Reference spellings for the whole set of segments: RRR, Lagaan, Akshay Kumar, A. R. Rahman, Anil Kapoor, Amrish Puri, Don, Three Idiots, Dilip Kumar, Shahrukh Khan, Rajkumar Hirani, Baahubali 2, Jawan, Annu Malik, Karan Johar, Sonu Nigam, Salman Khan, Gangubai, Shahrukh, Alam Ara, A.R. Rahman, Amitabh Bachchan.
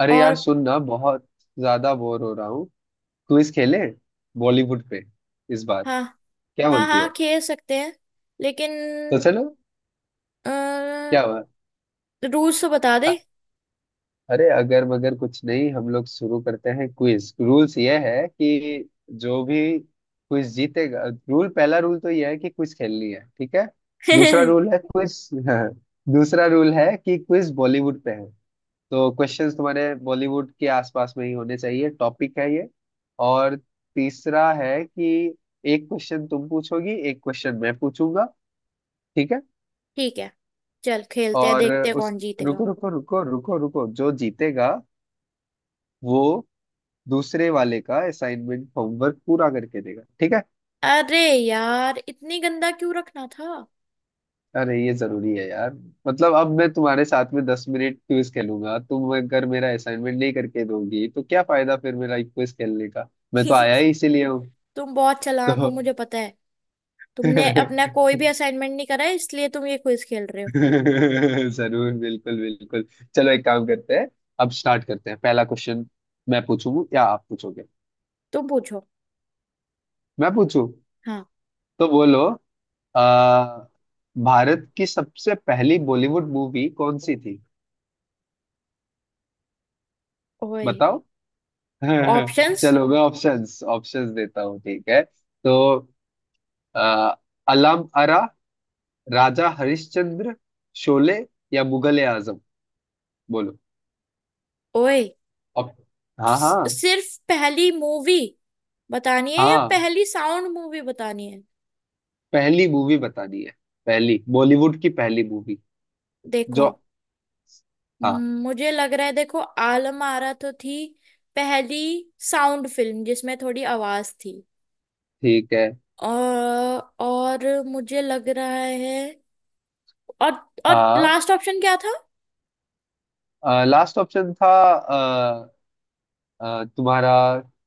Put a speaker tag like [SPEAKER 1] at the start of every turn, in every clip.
[SPEAKER 1] अरे यार
[SPEAKER 2] और
[SPEAKER 1] सुन ना, बहुत ज्यादा बोर हो रहा हूँ। क्विज खेले बॉलीवुड पे इस बार,
[SPEAKER 2] हाँ
[SPEAKER 1] क्या
[SPEAKER 2] हाँ
[SPEAKER 1] बोलती
[SPEAKER 2] हाँ,
[SPEAKER 1] हो?
[SPEAKER 2] खेल सकते हैं। लेकिन
[SPEAKER 1] तो चलो। क्या हुआ?
[SPEAKER 2] रूल्स तो बता दे।
[SPEAKER 1] अ- अरे अगर मगर कुछ नहीं, हम लोग शुरू करते हैं। क्विज रूल्स ये है कि जो भी क्विज जीतेगा, रूल पहला रूल तो ये है कि क्विज खेलनी है, ठीक है। दूसरा
[SPEAKER 2] ठीक
[SPEAKER 1] रूल है क्विज दूसरा रूल है कि क्विज बॉलीवुड पे है, तो क्वेश्चंस तुम्हारे बॉलीवुड के आसपास में ही होने चाहिए, टॉपिक है ये। और तीसरा है कि एक क्वेश्चन तुम पूछोगी, एक क्वेश्चन मैं पूछूंगा, ठीक है।
[SPEAKER 2] है, चल खेलते हैं,
[SPEAKER 1] और
[SPEAKER 2] देखते हैं
[SPEAKER 1] उस
[SPEAKER 2] कौन जीतेगा।
[SPEAKER 1] रुको रुको रुको रुको रुको, जो जीतेगा वो दूसरे वाले का असाइनमेंट होमवर्क पूरा करके देगा, ठीक है।
[SPEAKER 2] अरे यार, इतनी गंदा क्यों रखना था।
[SPEAKER 1] अरे ये जरूरी है यार। मतलब अब मैं तुम्हारे साथ में 10 मिनट क्विज खेलूंगा, तुम अगर मेरा असाइनमेंट नहीं करके दोगी तो क्या फायदा फिर मेरा क्विज खेलने का। मैं तो आया ही इसीलिए हूँ।
[SPEAKER 2] तुम बहुत चालाक
[SPEAKER 1] तो
[SPEAKER 2] हो मुझे पता है। तुमने अपना कोई भी असाइनमेंट नहीं करा है इसलिए तुम ये क्विज खेल रहे हो।
[SPEAKER 1] जरूर, बिल्कुल बिल्कुल। चलो एक काम करते हैं, अब स्टार्ट करते हैं पहला क्वेश्चन। मैं पूछूं या आप पूछोगे?
[SPEAKER 2] तुम पूछो।
[SPEAKER 1] मैं पूछूं।
[SPEAKER 2] हाँ।
[SPEAKER 1] तो बोलो। आ, भारत की सबसे पहली बॉलीवुड मूवी कौन सी थी?
[SPEAKER 2] ओए।
[SPEAKER 1] बताओ।
[SPEAKER 2] ऑप्शंस।
[SPEAKER 1] चलो मैं ऑप्शंस ऑप्शंस देता हूँ, ठीक है। तो आ, अलाम आरा, राजा हरिश्चंद्र, शोले या मुगले आजम। बोलो।
[SPEAKER 2] ओए,
[SPEAKER 1] ऑप- हाँ हाँ।
[SPEAKER 2] सिर्फ पहली मूवी बतानी है या
[SPEAKER 1] हाँ,
[SPEAKER 2] पहली साउंड मूवी बतानी है।
[SPEAKER 1] पहली मूवी बतानी है, पहली बॉलीवुड की पहली मूवी जो।
[SPEAKER 2] देखो,
[SPEAKER 1] हाँ,
[SPEAKER 2] मुझे लग रहा है, देखो आलम आरा तो थी पहली साउंड फिल्म जिसमें थोड़ी आवाज थी।
[SPEAKER 1] ठीक है।
[SPEAKER 2] और मुझे लग रहा है। और और
[SPEAKER 1] हाँ,
[SPEAKER 2] लास्ट ऑप्शन क्या था।
[SPEAKER 1] लास्ट ऑप्शन था तुम्हारा,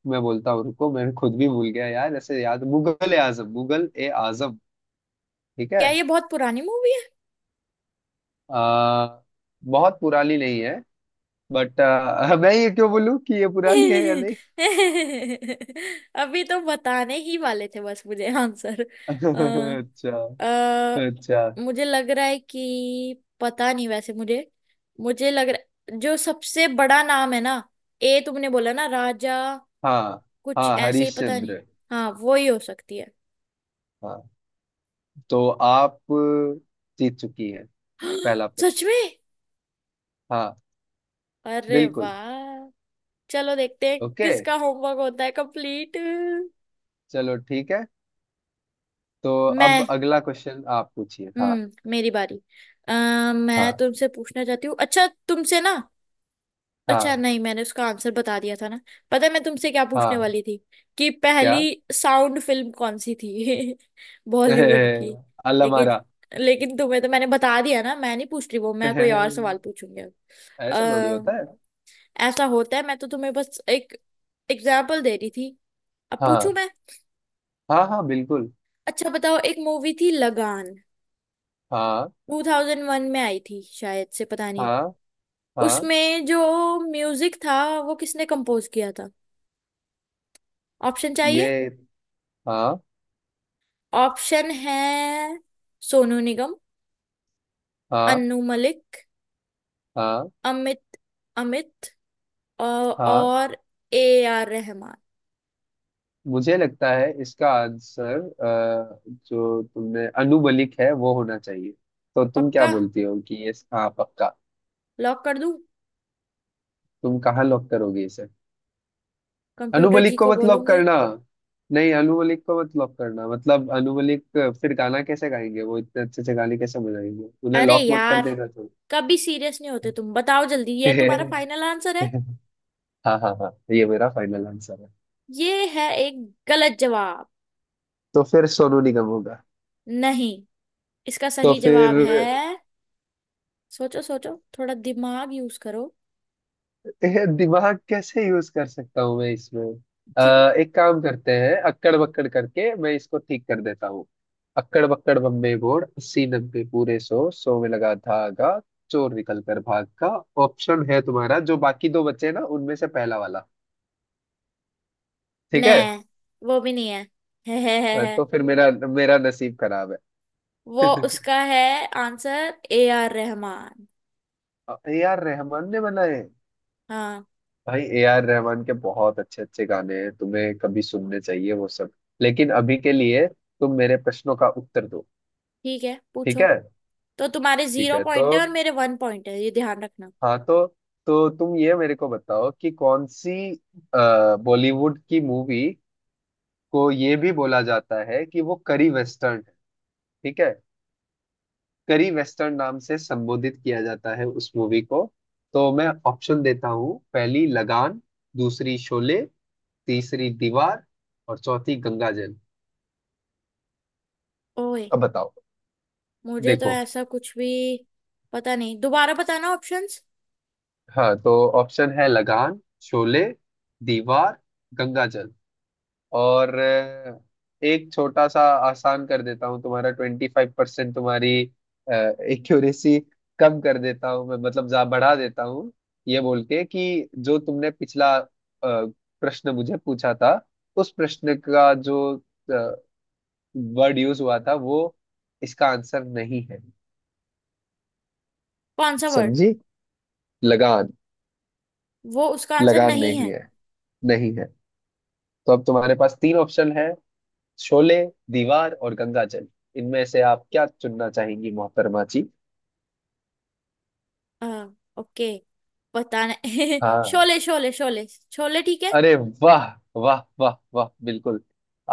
[SPEAKER 1] मैं बोलता हूँ, रुको, मैं खुद भी भूल गया यार, ऐसे याद मुगल ए आजम, मुगल ए आजम। ठीक है।
[SPEAKER 2] क्या ये बहुत पुरानी मूवी है?
[SPEAKER 1] अ, बहुत पुरानी नहीं है, बट मैं ये क्यों बोलूँ कि ये पुरानी है या नहीं।
[SPEAKER 2] अभी तो बताने ही वाले थे बस मुझे आंसर। अ
[SPEAKER 1] अच्छा।
[SPEAKER 2] अ,
[SPEAKER 1] अच्छा।
[SPEAKER 2] मुझे लग रहा है कि पता नहीं, वैसे मुझे मुझे लग रहा जो सबसे बड़ा नाम है ना, ए तुमने बोला ना राजा,
[SPEAKER 1] हाँ।
[SPEAKER 2] कुछ
[SPEAKER 1] हाँ,
[SPEAKER 2] ऐसे ही,
[SPEAKER 1] हरीश
[SPEAKER 2] पता नहीं।
[SPEAKER 1] चंद्र।
[SPEAKER 2] हाँ वो ही हो सकती है।
[SPEAKER 1] हाँ, तो आप जीत चुकी हैं पहला प्रश्न।
[SPEAKER 2] सच में?
[SPEAKER 1] हाँ,
[SPEAKER 2] अरे
[SPEAKER 1] बिल्कुल।
[SPEAKER 2] वाह। चलो देखते हैं
[SPEAKER 1] ओके,
[SPEAKER 2] किसका होमवर्क होता है कंप्लीट।
[SPEAKER 1] चलो ठीक है। तो अब
[SPEAKER 2] मैं।
[SPEAKER 1] अगला क्वेश्चन आप पूछिए, हाँ।
[SPEAKER 2] हम्म, मेरी बारी। मैं
[SPEAKER 1] हाँ।
[SPEAKER 2] तुमसे पूछना चाहती हूँ। अच्छा तुमसे ना, अच्छा
[SPEAKER 1] हाँ
[SPEAKER 2] नहीं, मैंने उसका आंसर बता दिया था ना। पता है मैं तुमसे क्या पूछने
[SPEAKER 1] हाँ।
[SPEAKER 2] वाली थी? कि पहली
[SPEAKER 1] क्या?
[SPEAKER 2] साउंड फिल्म कौन सी थी। बॉलीवुड की। लेकिन
[SPEAKER 1] अल्लमारा।
[SPEAKER 2] लेकिन तुम्हें तो मैंने बता दिया ना, मैं नहीं पूछ रही वो, मैं कोई और सवाल पूछूंगी
[SPEAKER 1] ऐसे थोड़ी
[SPEAKER 2] अब।
[SPEAKER 1] होता है।
[SPEAKER 2] ऐसा होता है, मैं तो तुम्हें बस एक एग्जाम्पल दे रही थी। अब पूछूं
[SPEAKER 1] हाँ
[SPEAKER 2] मैं।
[SPEAKER 1] हाँ हाँ, बिल्कुल।
[SPEAKER 2] अच्छा बताओ, एक मूवी थी लगान,
[SPEAKER 1] हाँ।
[SPEAKER 2] 2001 में आई थी शायद, से पता नहीं।
[SPEAKER 1] हाँ हाँ।
[SPEAKER 2] उसमें जो म्यूजिक था वो किसने कंपोज किया था? ऑप्शन चाहिए?
[SPEAKER 1] ये, हाँ।
[SPEAKER 2] ऑप्शन है सोनू निगम,
[SPEAKER 1] हाँ
[SPEAKER 2] अन्नू मलिक,
[SPEAKER 1] हाँ
[SPEAKER 2] अमित अमित अ,
[SPEAKER 1] हाँ।
[SPEAKER 2] और ए आर रहमान।
[SPEAKER 1] मुझे लगता है इसका आंसर जो तुमने अनुबलिक है वो होना चाहिए। तो तुम क्या
[SPEAKER 2] पक्का,
[SPEAKER 1] बोलती हो कि ये हाँ पक्का?
[SPEAKER 2] लॉक कर दूं?
[SPEAKER 1] तुम कहाँ लॉक करोगे? अनु
[SPEAKER 2] कंप्यूटर जी
[SPEAKER 1] मलिक को
[SPEAKER 2] को
[SPEAKER 1] मत लॉक
[SPEAKER 2] बोलूंगी।
[SPEAKER 1] करना। नहीं, अनु मलिक को मत लॉक करना मतलब अनु मलिक, फिर गाना कैसे गाएंगे, वो इतने अच्छे अच्छे गाने कैसे बजाएंगे, उन्हें
[SPEAKER 2] अरे
[SPEAKER 1] लॉक मत कर
[SPEAKER 2] यार,
[SPEAKER 1] देना, तो।
[SPEAKER 2] कभी सीरियस नहीं होते तुम। बताओ जल्दी, ये तुम्हारा फाइनल आंसर है?
[SPEAKER 1] हाँ हाँ हाँ, ये मेरा फाइनल आंसर है।
[SPEAKER 2] ये है एक गलत जवाब।
[SPEAKER 1] तो फिर सोनू निगम होगा?
[SPEAKER 2] नहीं, इसका
[SPEAKER 1] तो
[SPEAKER 2] सही
[SPEAKER 1] फिर
[SPEAKER 2] जवाब है। सोचो सोचो, थोड़ा दिमाग यूज करो।
[SPEAKER 1] ये दिमाग कैसे यूज कर सकता हूँ मैं इसमें?
[SPEAKER 2] क्यों?
[SPEAKER 1] एक काम करते हैं, अक्कड़ बक्कड़ करके मैं इसको ठीक कर देता हूँ। अक्कड़ बक्कड़ बम्बे बोर्ड, अस्सी नब्बे पूरे सौ, सौ में लगा धागा, चोर निकल कर भाग का। ऑप्शन है तुम्हारा जो बाकी दो बचे ना, उनमें से पहला वाला। ठीक
[SPEAKER 2] ने,
[SPEAKER 1] है?
[SPEAKER 2] वो भी नहीं है, है, है।
[SPEAKER 1] तो फिर मेरा मेरा नसीब खराब है।
[SPEAKER 2] वो उसका है answer, A R Rahman.
[SPEAKER 1] A R Rahman ने बनाए?
[SPEAKER 2] हाँ
[SPEAKER 1] भाई ए आर रहमान के बहुत अच्छे अच्छे गाने हैं, तुम्हें कभी सुनने चाहिए वो सब। लेकिन अभी के लिए तुम मेरे प्रश्नों का उत्तर दो।
[SPEAKER 2] ठीक है
[SPEAKER 1] ठीक
[SPEAKER 2] पूछो।
[SPEAKER 1] है।
[SPEAKER 2] तो तुम्हारे
[SPEAKER 1] ठीक
[SPEAKER 2] जीरो
[SPEAKER 1] है, तो
[SPEAKER 2] पॉइंट है और मेरे वन पॉइंट है, ये ध्यान रखना।
[SPEAKER 1] हाँ। तो तुम ये मेरे को बताओ कि कौन सी बॉलीवुड की मूवी को ये भी बोला जाता है कि वो करी वेस्टर्न है, ठीक है। करी वेस्टर्न नाम से संबोधित किया जाता है उस मूवी को। तो मैं ऑप्शन देता हूँ: पहली लगान, दूसरी शोले, तीसरी दीवार, और चौथी गंगा जल।
[SPEAKER 2] ओए,
[SPEAKER 1] अब बताओ।
[SPEAKER 2] मुझे तो
[SPEAKER 1] देखो।
[SPEAKER 2] ऐसा कुछ भी पता नहीं। दोबारा बताना ऑप्शंस।
[SPEAKER 1] हाँ तो ऑप्शन है लगान, शोले, दीवार, गंगा जल। और एक छोटा सा आसान कर देता हूँ, तुम्हारा 25% तुम्हारी एक्यूरेसी कम कर देता हूँ मैं, मतलब जा बढ़ा देता हूँ, ये बोल के कि जो तुमने पिछला प्रश्न मुझे पूछा था, उस प्रश्न का जो वर्ड यूज हुआ था वो इसका आंसर नहीं है।
[SPEAKER 2] कौन सा वर्ड?
[SPEAKER 1] समझी? लगान।
[SPEAKER 2] वो उसका आंसर
[SPEAKER 1] लगान
[SPEAKER 2] नहीं
[SPEAKER 1] नहीं
[SPEAKER 2] है।
[SPEAKER 1] है, नहीं है। तो अब तुम्हारे पास तीन ऑप्शन है: शोले, दीवार और गंगा जल। इनमें से आप क्या चुनना चाहेंगी मोहतरमा जी?
[SPEAKER 2] हाँ ओके, पता नहीं।
[SPEAKER 1] हाँ।
[SPEAKER 2] शोले शोले शोले शोले ठीक है।
[SPEAKER 1] अरे वाह, वाह वाह वाह, बिल्कुल।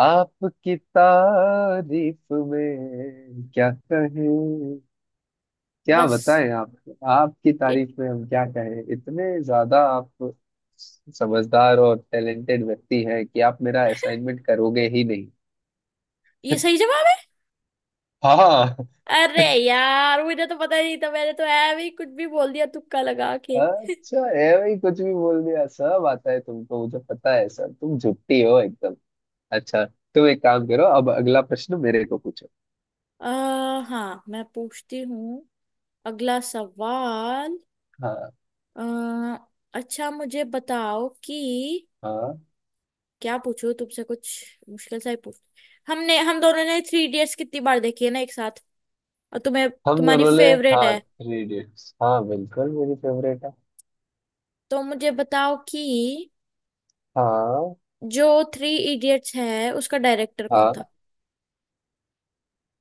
[SPEAKER 1] आपकी तारीफ में क्या कहें, क्या
[SPEAKER 2] बस
[SPEAKER 1] बताएं आप। आपकी
[SPEAKER 2] ये
[SPEAKER 1] तारीफ में हम क्या कहें, इतने ज्यादा आप समझदार और टैलेंटेड व्यक्ति हैं कि आप मेरा असाइनमेंट करोगे ही नहीं।
[SPEAKER 2] सही जवाब है।
[SPEAKER 1] हाँ।
[SPEAKER 2] अरे यार, मुझे तो पता ही नहीं था, मैंने तो है भी कुछ भी बोल दिया तुक्का लगा के।
[SPEAKER 1] अच्छा है भाई, कुछ भी बोल दिया, सब आता है तुमको, मुझे पता है सर, तुम झुट्टी हो एकदम। अच्छा, तुम एक काम करो, अब अगला प्रश्न मेरे को पूछो।
[SPEAKER 2] हाँ मैं पूछती हूँ अगला सवाल।
[SPEAKER 1] हाँ।
[SPEAKER 2] आ, अच्छा मुझे बताओ कि
[SPEAKER 1] हाँ,
[SPEAKER 2] क्या पूछूं तुमसे, कुछ मुश्किल सा ही पूछ। हमने हम दोनों ने थ्री इडियट्स कितनी बार देखी है ना एक साथ, और तुम्हें,
[SPEAKER 1] हम
[SPEAKER 2] तुम्हारी
[SPEAKER 1] दोनों ने।
[SPEAKER 2] फेवरेट
[SPEAKER 1] हाँ,
[SPEAKER 2] है।
[SPEAKER 1] थ्री इडियट्स, हाँ बिल्कुल मेरी फेवरेट है।
[SPEAKER 2] तो मुझे बताओ कि
[SPEAKER 1] हाँ।
[SPEAKER 2] जो थ्री इडियट्स है उसका डायरेक्टर कौन था?
[SPEAKER 1] हाँ,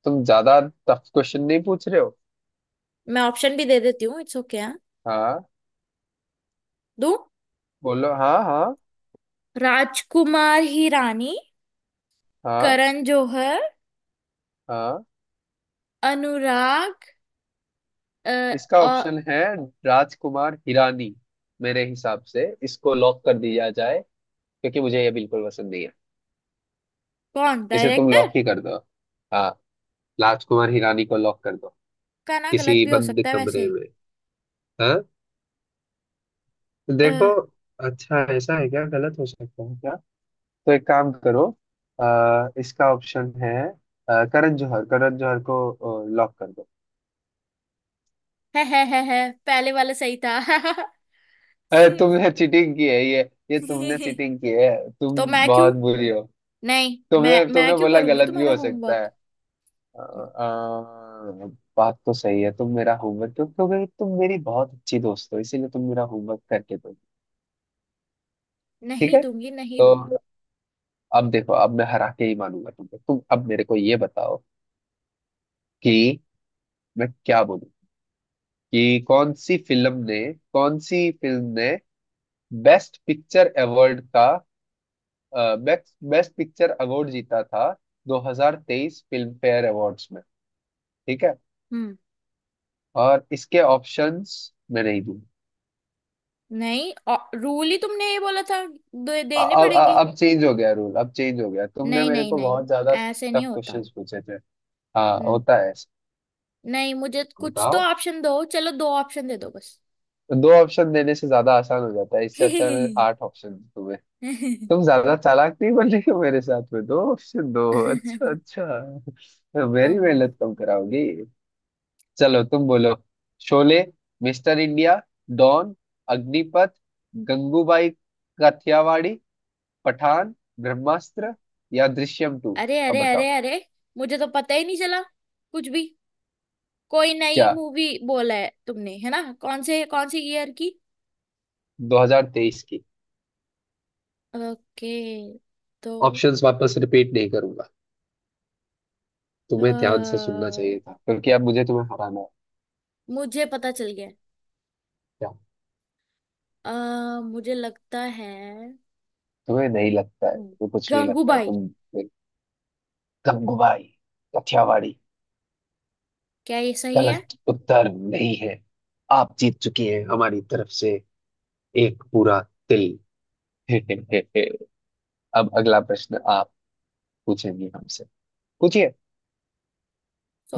[SPEAKER 1] तुम ज्यादा टफ क्वेश्चन नहीं पूछ रहे हो।
[SPEAKER 2] मैं ऑप्शन भी दे देती हूँ, इट्स ओके। हाँ
[SPEAKER 1] हाँ,
[SPEAKER 2] दो,
[SPEAKER 1] बोलो हाँ हाँ।
[SPEAKER 2] राजकुमार हिरानी,
[SPEAKER 1] हाँ।
[SPEAKER 2] करण जौहर,
[SPEAKER 1] हाँ
[SPEAKER 2] अनुराग अ,
[SPEAKER 1] इसका
[SPEAKER 2] अ,
[SPEAKER 1] ऑप्शन है राजकुमार हिरानी। मेरे हिसाब से इसको लॉक कर दिया जाए, क्योंकि मुझे ये बिल्कुल पसंद नहीं है,
[SPEAKER 2] कौन
[SPEAKER 1] इसे तुम
[SPEAKER 2] डायरेक्टर?
[SPEAKER 1] लॉक ही कर दो। हाँ, राजकुमार हिरानी को लॉक कर दो।
[SPEAKER 2] का ना, गलत
[SPEAKER 1] किसी
[SPEAKER 2] भी हो
[SPEAKER 1] बंद
[SPEAKER 2] सकता है
[SPEAKER 1] कमरे
[SPEAKER 2] वैसे।
[SPEAKER 1] में। हाँ, तो
[SPEAKER 2] अ,
[SPEAKER 1] देखो, अच्छा ऐसा है, क्या गलत हो सकता है क्या? तो एक काम करो, इसका ऑप्शन है करण जौहर, करण जौहर को लॉक कर दो।
[SPEAKER 2] है, पहले वाला सही था।
[SPEAKER 1] अरे तुमने चीटिंग की है ये तुमने चीटिंग की है। तुम
[SPEAKER 2] तो मैं क्यों,
[SPEAKER 1] बहुत बुरी हो।
[SPEAKER 2] नहीं, मैं
[SPEAKER 1] तुमने
[SPEAKER 2] मैं
[SPEAKER 1] तुमने
[SPEAKER 2] क्यों
[SPEAKER 1] बोला
[SPEAKER 2] करूंगी
[SPEAKER 1] गलत भी
[SPEAKER 2] तुम्हारा
[SPEAKER 1] हो सकता है।
[SPEAKER 2] होमवर्क।
[SPEAKER 1] अ, अ, बात तो सही है, तुम मेरा होमवर्क, क्योंकि तुम मेरी बहुत अच्छी दोस्त हो इसीलिए तुम मेरा होमवर्क करके दो। ठीक
[SPEAKER 2] नहीं
[SPEAKER 1] है,
[SPEAKER 2] दूंगी, नहीं
[SPEAKER 1] तो
[SPEAKER 2] दूंगी।
[SPEAKER 1] अब देखो, अब मैं हरा के ही मानूंगा तुमको, तुम अब मेरे को ये बताओ कि मैं क्या बोलूं कि कौन सी फिल्म ने, कौन सी फिल्म ने बेस्ट पिक्चर अवार्ड का, बेस्ट बेस्ट पिक्चर अवार्ड जीता था 2023 फिल्म फेयर अवार्ड्स में, ठीक है।
[SPEAKER 2] हम्म,
[SPEAKER 1] और इसके ऑप्शंस मैं नहीं दूंगा।
[SPEAKER 2] नहीं, रूल ही तुमने ये बोला था, दे, देने
[SPEAKER 1] अब
[SPEAKER 2] पड़ेंगे।
[SPEAKER 1] अब चेंज हो गया रूल, अब चेंज हो गया, तुमने
[SPEAKER 2] नहीं
[SPEAKER 1] मेरे
[SPEAKER 2] नहीं
[SPEAKER 1] को
[SPEAKER 2] नहीं,
[SPEAKER 1] बहुत ज्यादा
[SPEAKER 2] ऐसे नहीं
[SPEAKER 1] टफ
[SPEAKER 2] होता।
[SPEAKER 1] क्वेश्चंस पूछे थे। हाँ
[SPEAKER 2] हम्म,
[SPEAKER 1] होता है ऐसा।
[SPEAKER 2] नहीं मुझे कुछ तो
[SPEAKER 1] बताओ।
[SPEAKER 2] ऑप्शन दो, चलो दो ऑप्शन दे दो बस।
[SPEAKER 1] तो दो ऑप्शन देने से ज्यादा आसान हो जाता है, इससे अच्छा है मैं आठ ऑप्शन दूं तुम्हें। तुम ज्यादा चालाक नहीं बन रही हो मेरे साथ में, दो ऑप्शन दो। अच्छा अच्छा, तो मेरी
[SPEAKER 2] अम,
[SPEAKER 1] मेहनत कम कराओगी। चलो तुम बोलो: Sholay, Mister India, Don, Agneepath, Gangubai Kathiawadi, Pathaan, Brahmastra या दृश्यम टू।
[SPEAKER 2] अरे
[SPEAKER 1] अब
[SPEAKER 2] अरे
[SPEAKER 1] बताओ।
[SPEAKER 2] अरे अरे, मुझे तो पता ही नहीं चला कुछ भी। कोई नई
[SPEAKER 1] क्या?
[SPEAKER 2] मूवी बोला है तुमने है ना, कौन से, कौन सी ईयर की?
[SPEAKER 1] 2023 की।
[SPEAKER 2] ओके, तो
[SPEAKER 1] ऑप्शंस वापस रिपीट नहीं करूंगा,
[SPEAKER 2] अ,
[SPEAKER 1] तुम्हें ध्यान से सुनना चाहिए था, क्योंकि अब मुझे तुम्हें हराना है।
[SPEAKER 2] मुझे पता चल गया।
[SPEAKER 1] क्या?
[SPEAKER 2] मुझे लगता है
[SPEAKER 1] तुम्हें नहीं लगता है, तुम्हें कुछ नहीं लगता है
[SPEAKER 2] गंगूबाई।
[SPEAKER 1] तुम। गंगूबाई काठियावाड़ी।
[SPEAKER 2] क्या ये सही है?
[SPEAKER 1] गलत उत्तर नहीं है। आप जीत चुकी हैं हमारी तरफ से एक पूरा तिल। अब अगला प्रश्न आप पूछेंगी हमसे, पूछिए।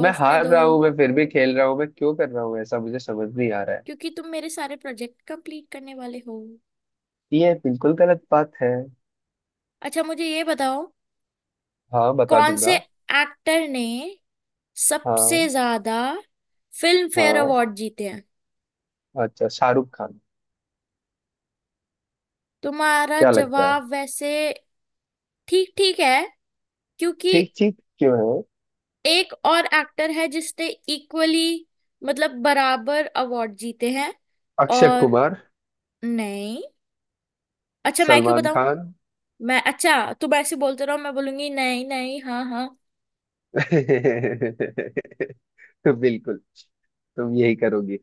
[SPEAKER 1] मैं हार
[SPEAKER 2] दो।
[SPEAKER 1] रहा हूं, मैं फिर भी खेल रहा हूं, मैं क्यों कर रहा हूं ऐसा, मुझे समझ नहीं आ रहा है।
[SPEAKER 2] क्योंकि तुम मेरे सारे प्रोजेक्ट कंप्लीट करने वाले हो।
[SPEAKER 1] ये बिल्कुल गलत बात है।
[SPEAKER 2] अच्छा मुझे ये बताओ,
[SPEAKER 1] हाँ बता
[SPEAKER 2] कौन से
[SPEAKER 1] दूंगा।
[SPEAKER 2] एक्टर ने सबसे
[SPEAKER 1] हाँ।
[SPEAKER 2] ज्यादा फिल्म फेयर
[SPEAKER 1] हाँ,
[SPEAKER 2] अवार्ड जीते हैं?
[SPEAKER 1] अच्छा, शाहरुख खान।
[SPEAKER 2] तुम्हारा
[SPEAKER 1] क्या लगता है?
[SPEAKER 2] जवाब वैसे ठीक ठीक है, क्योंकि
[SPEAKER 1] ठीक ठीक क्यों है?
[SPEAKER 2] एक और एक्टर है जिसने इक्वली, मतलब बराबर अवार्ड जीते हैं।
[SPEAKER 1] अक्षय
[SPEAKER 2] और
[SPEAKER 1] कुमार।
[SPEAKER 2] नहीं, अच्छा मैं क्यों
[SPEAKER 1] सलमान
[SPEAKER 2] बताऊं।
[SPEAKER 1] खान।
[SPEAKER 2] मैं, अच्छा तुम ऐसे बोलते रहो, मैं बोलूंगी नहीं नहीं हाँ हाँ।
[SPEAKER 1] बिल्कुल, तुम यही करोगी,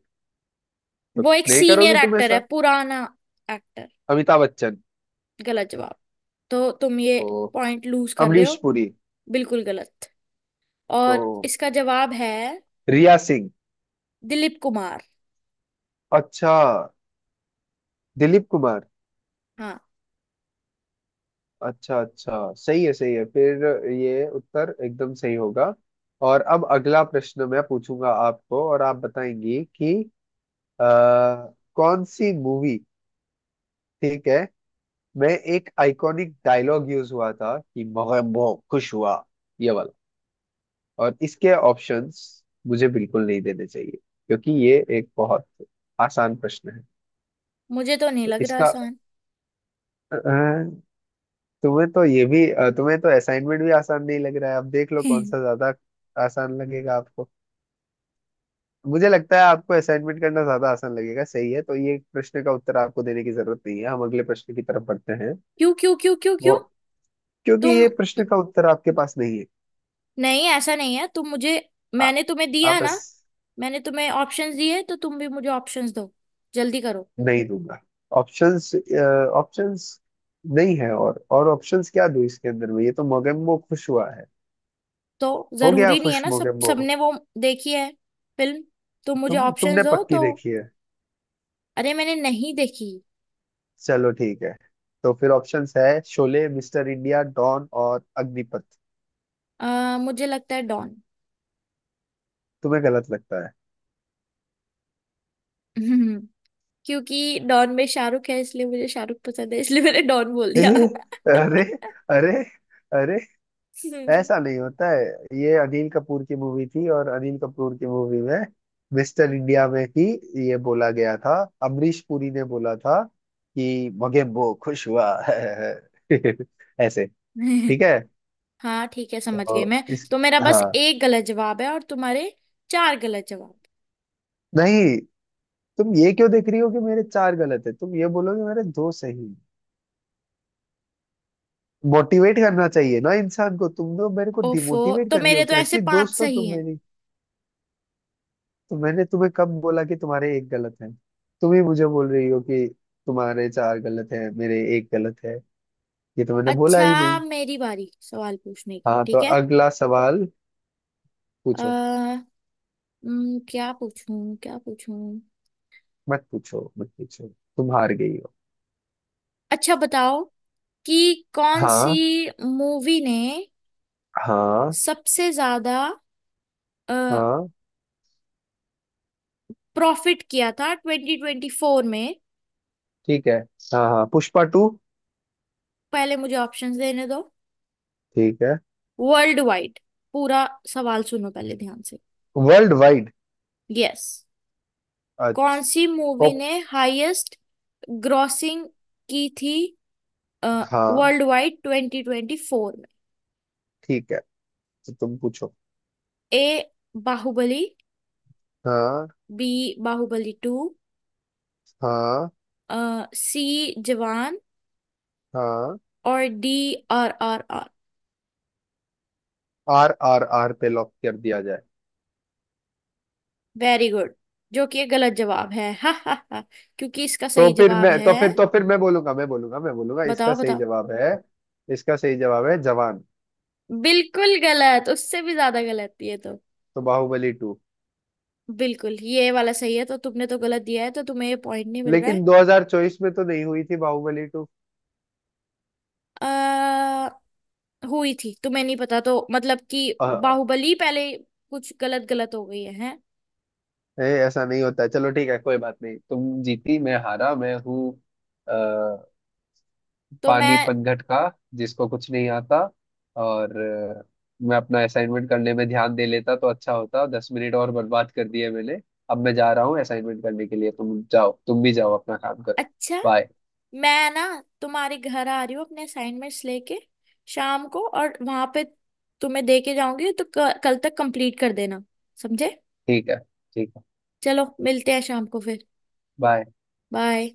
[SPEAKER 1] तो
[SPEAKER 2] वो एक
[SPEAKER 1] नहीं
[SPEAKER 2] सीनियर
[SPEAKER 1] करोगी तुम
[SPEAKER 2] एक्टर है,
[SPEAKER 1] ऐसा।
[SPEAKER 2] पुराना एक्टर।
[SPEAKER 1] अमिताभ बच्चन।
[SPEAKER 2] गलत जवाब, तो तुम ये
[SPEAKER 1] तो
[SPEAKER 2] पॉइंट लूज कर रहे हो।
[SPEAKER 1] अमरीश पुरी।
[SPEAKER 2] बिल्कुल गलत, और
[SPEAKER 1] तो
[SPEAKER 2] इसका जवाब है
[SPEAKER 1] रिया सिंह।
[SPEAKER 2] दिलीप कुमार।
[SPEAKER 1] अच्छा, दिलीप कुमार।
[SPEAKER 2] हाँ
[SPEAKER 1] अच्छा अच्छा, सही है फिर, ये उत्तर एकदम सही होगा। और अब अगला प्रश्न मैं पूछूंगा आपको और आप बताएंगी कि आ, कौन सी मूवी, ठीक है, मैं एक आइकॉनिक डायलॉग यूज हुआ था कि मैं बहुत खुश हुआ, ये वाला। और इसके ऑप्शंस मुझे बिल्कुल नहीं देने चाहिए, क्योंकि ये एक बहुत आसान प्रश्न है।
[SPEAKER 2] मुझे तो नहीं
[SPEAKER 1] तो
[SPEAKER 2] लग रहा
[SPEAKER 1] इसका
[SPEAKER 2] आसान।
[SPEAKER 1] अ, तुम्हें तो ये भी तुम्हें तो असाइनमेंट भी आसान नहीं लग रहा है, अब देख लो कौन
[SPEAKER 2] क्यों
[SPEAKER 1] सा ज्यादा आसान लगेगा आपको। मुझे लगता है आपको असाइनमेंट करना ज्यादा आसान लगेगा, सही है, तो ये प्रश्न का उत्तर आपको देने की जरूरत नहीं है, हम अगले प्रश्न की तरफ बढ़ते हैं।
[SPEAKER 2] क्यों क्यों क्यों क्यों?
[SPEAKER 1] वो, क्योंकि
[SPEAKER 2] तुम,
[SPEAKER 1] ये प्रश्न का उत्तर आपके पास नहीं है।
[SPEAKER 2] नहीं ऐसा नहीं है, तुम मुझे,
[SPEAKER 1] आ,
[SPEAKER 2] मैंने तुम्हें दिया
[SPEAKER 1] आप
[SPEAKER 2] ना,
[SPEAKER 1] बस।
[SPEAKER 2] मैंने तुम्हें ऑप्शंस दिए तो तुम भी मुझे ऑप्शंस दो, जल्दी करो।
[SPEAKER 1] नहीं दूंगा ऑप्शंस ऑप्शंस नहीं है, और ऑप्शंस क्या दूं इसके अंदर में, ये तो मोगेम्बो खुश हुआ है।
[SPEAKER 2] तो
[SPEAKER 1] हो गया
[SPEAKER 2] जरूरी नहीं है
[SPEAKER 1] खुश
[SPEAKER 2] ना सब,
[SPEAKER 1] मोगेम्बो।
[SPEAKER 2] सबने वो देखी है फिल्म। तुम मुझे
[SPEAKER 1] तुम,
[SPEAKER 2] ऑप्शंस
[SPEAKER 1] तुमने
[SPEAKER 2] दो
[SPEAKER 1] पक्की
[SPEAKER 2] तो।
[SPEAKER 1] देखी है?
[SPEAKER 2] अरे मैंने नहीं देखी।
[SPEAKER 1] चलो ठीक है। तो फिर ऑप्शंस है: शोले, मिस्टर इंडिया, डॉन और अग्निपथ।
[SPEAKER 2] मुझे लगता है डॉन।
[SPEAKER 1] तुम्हें गलत लगता है।
[SPEAKER 2] क्योंकि डॉन में शाहरुख है, इसलिए मुझे शाहरुख पसंद है, इसलिए मैंने डॉन बोल दिया।
[SPEAKER 1] अरे अरे अरे, ऐसा नहीं होता है। ये अनिल कपूर की मूवी थी और अनिल कपूर की मूवी में, मिस्टर इंडिया में ही ये बोला गया था। अमरीश पुरी ने बोला था कि मगेम्बो खुश हुआ ऐसे। ठीक है।
[SPEAKER 2] हाँ ठीक है, समझ गई
[SPEAKER 1] तो
[SPEAKER 2] मैं।
[SPEAKER 1] इस,
[SPEAKER 2] तो मेरा बस
[SPEAKER 1] हाँ।
[SPEAKER 2] एक गलत जवाब है और तुम्हारे चार गलत जवाब।
[SPEAKER 1] नहीं, तुम ये क्यों देख रही हो कि मेरे चार गलत है, तुम ये बोलोगे मेरे दो सही। मोटिवेट करना चाहिए ना इंसान को, तुम लोग मेरे को
[SPEAKER 2] ओफो,
[SPEAKER 1] डिमोटिवेट
[SPEAKER 2] तो
[SPEAKER 1] कर रही हो,
[SPEAKER 2] मेरे तो ऐसे
[SPEAKER 1] कैसी
[SPEAKER 2] पांच
[SPEAKER 1] दोस्त हो
[SPEAKER 2] सही
[SPEAKER 1] तुम
[SPEAKER 2] हैं।
[SPEAKER 1] मेरी। तो मैंने तुम्हें कब बोला कि तुम्हारे एक गलत है? तुम ही मुझे बोल रही हो कि तुम्हारे चार गलत है मेरे एक गलत है, ये तो मैंने बोला
[SPEAKER 2] अच्छा
[SPEAKER 1] ही नहीं।
[SPEAKER 2] मेरी बारी सवाल पूछने की,
[SPEAKER 1] हाँ, तो
[SPEAKER 2] ठीक है।
[SPEAKER 1] अगला सवाल पूछो।
[SPEAKER 2] आ, क्या पूछूं क्या पूछूं।
[SPEAKER 1] मत पूछो मत पूछो, तुम हार गई हो।
[SPEAKER 2] अच्छा बताओ कि कौन सी
[SPEAKER 1] हाँ।
[SPEAKER 2] मूवी ने
[SPEAKER 1] हाँ
[SPEAKER 2] सबसे ज्यादा
[SPEAKER 1] हाँ,
[SPEAKER 2] प्रॉफिट किया था ट्वेंटी ट्वेंटी फोर में।
[SPEAKER 1] ठीक है। हाँ हाँ, पुष्पा टू।
[SPEAKER 2] पहले मुझे ऑप्शंस देने दो।
[SPEAKER 1] ठीक है,
[SPEAKER 2] वर्ल्ड वाइड, पूरा सवाल सुनो पहले ध्यान से।
[SPEAKER 1] World wide.
[SPEAKER 2] यस, कौन
[SPEAKER 1] अच्छा।
[SPEAKER 2] सी
[SPEAKER 1] ओ।
[SPEAKER 2] मूवी ने हाईएस्ट ग्रॉसिंग की थी
[SPEAKER 1] हाँ।
[SPEAKER 2] World wide twenty twenty four में?
[SPEAKER 1] ठीक है, तो तुम पूछो।
[SPEAKER 2] ए बाहुबली,
[SPEAKER 1] हाँ।
[SPEAKER 2] बी बाहुबली टू,
[SPEAKER 1] हाँ।
[SPEAKER 2] सी जवान,
[SPEAKER 1] हाँ।
[SPEAKER 2] और D R R R.
[SPEAKER 1] R R R पे लॉक कर दिया।
[SPEAKER 2] वेरी गुड, जो कि ये गलत जवाब है। हा हा हा, क्योंकि इसका सही जवाब है।
[SPEAKER 1] तो फिर मैं बोलूंगा, मैं बोलूंगा, इसका
[SPEAKER 2] बताओ
[SPEAKER 1] सही
[SPEAKER 2] बताओ,
[SPEAKER 1] जवाब है। इसका सही जवाब है जवान।
[SPEAKER 2] बिल्कुल गलत, उससे भी ज्यादा गलत ये तो।
[SPEAKER 1] तो बाहुबली टू,
[SPEAKER 2] बिल्कुल, ये वाला सही है, तो तुमने तो गलत दिया है, तो तुम्हें ये पॉइंट नहीं मिल रहा
[SPEAKER 1] लेकिन
[SPEAKER 2] है।
[SPEAKER 1] 2024 में तो नहीं हुई थी बाहुबली टू।
[SPEAKER 2] अ हुई थी, तुम्हें नहीं पता तो, मतलब कि
[SPEAKER 1] अ,
[SPEAKER 2] बाहुबली पहले कुछ गलत गलत हो गई है, हैं।
[SPEAKER 1] ए, ऐसा नहीं होता है। चलो ठीक है, कोई बात नहीं, तुम जीती, मैं हारा, मैं हूँ अ,
[SPEAKER 2] तो
[SPEAKER 1] पानी
[SPEAKER 2] मैं,
[SPEAKER 1] पनघट का, जिसको कुछ नहीं आता। और मैं अपना असाइनमेंट करने में ध्यान दे लेता तो अच्छा होता, 10 मिनट और बर्बाद कर दिए मैंने। अब मैं जा रहा हूँ असाइनमेंट करने के लिए, तुम जाओ, तुम भी जाओ अपना काम करो।
[SPEAKER 2] अच्छा
[SPEAKER 1] बाय।
[SPEAKER 2] मैं ना, तुम्हारे घर आ रही हूँ अपने असाइनमेंट्स लेके शाम को, और वहां पे तुम्हें दे के जाऊंगी, तो कल तक कंप्लीट कर देना, समझे?
[SPEAKER 1] ठीक है ठीक है।
[SPEAKER 2] चलो मिलते हैं शाम को फिर।
[SPEAKER 1] बाय।
[SPEAKER 2] बाय।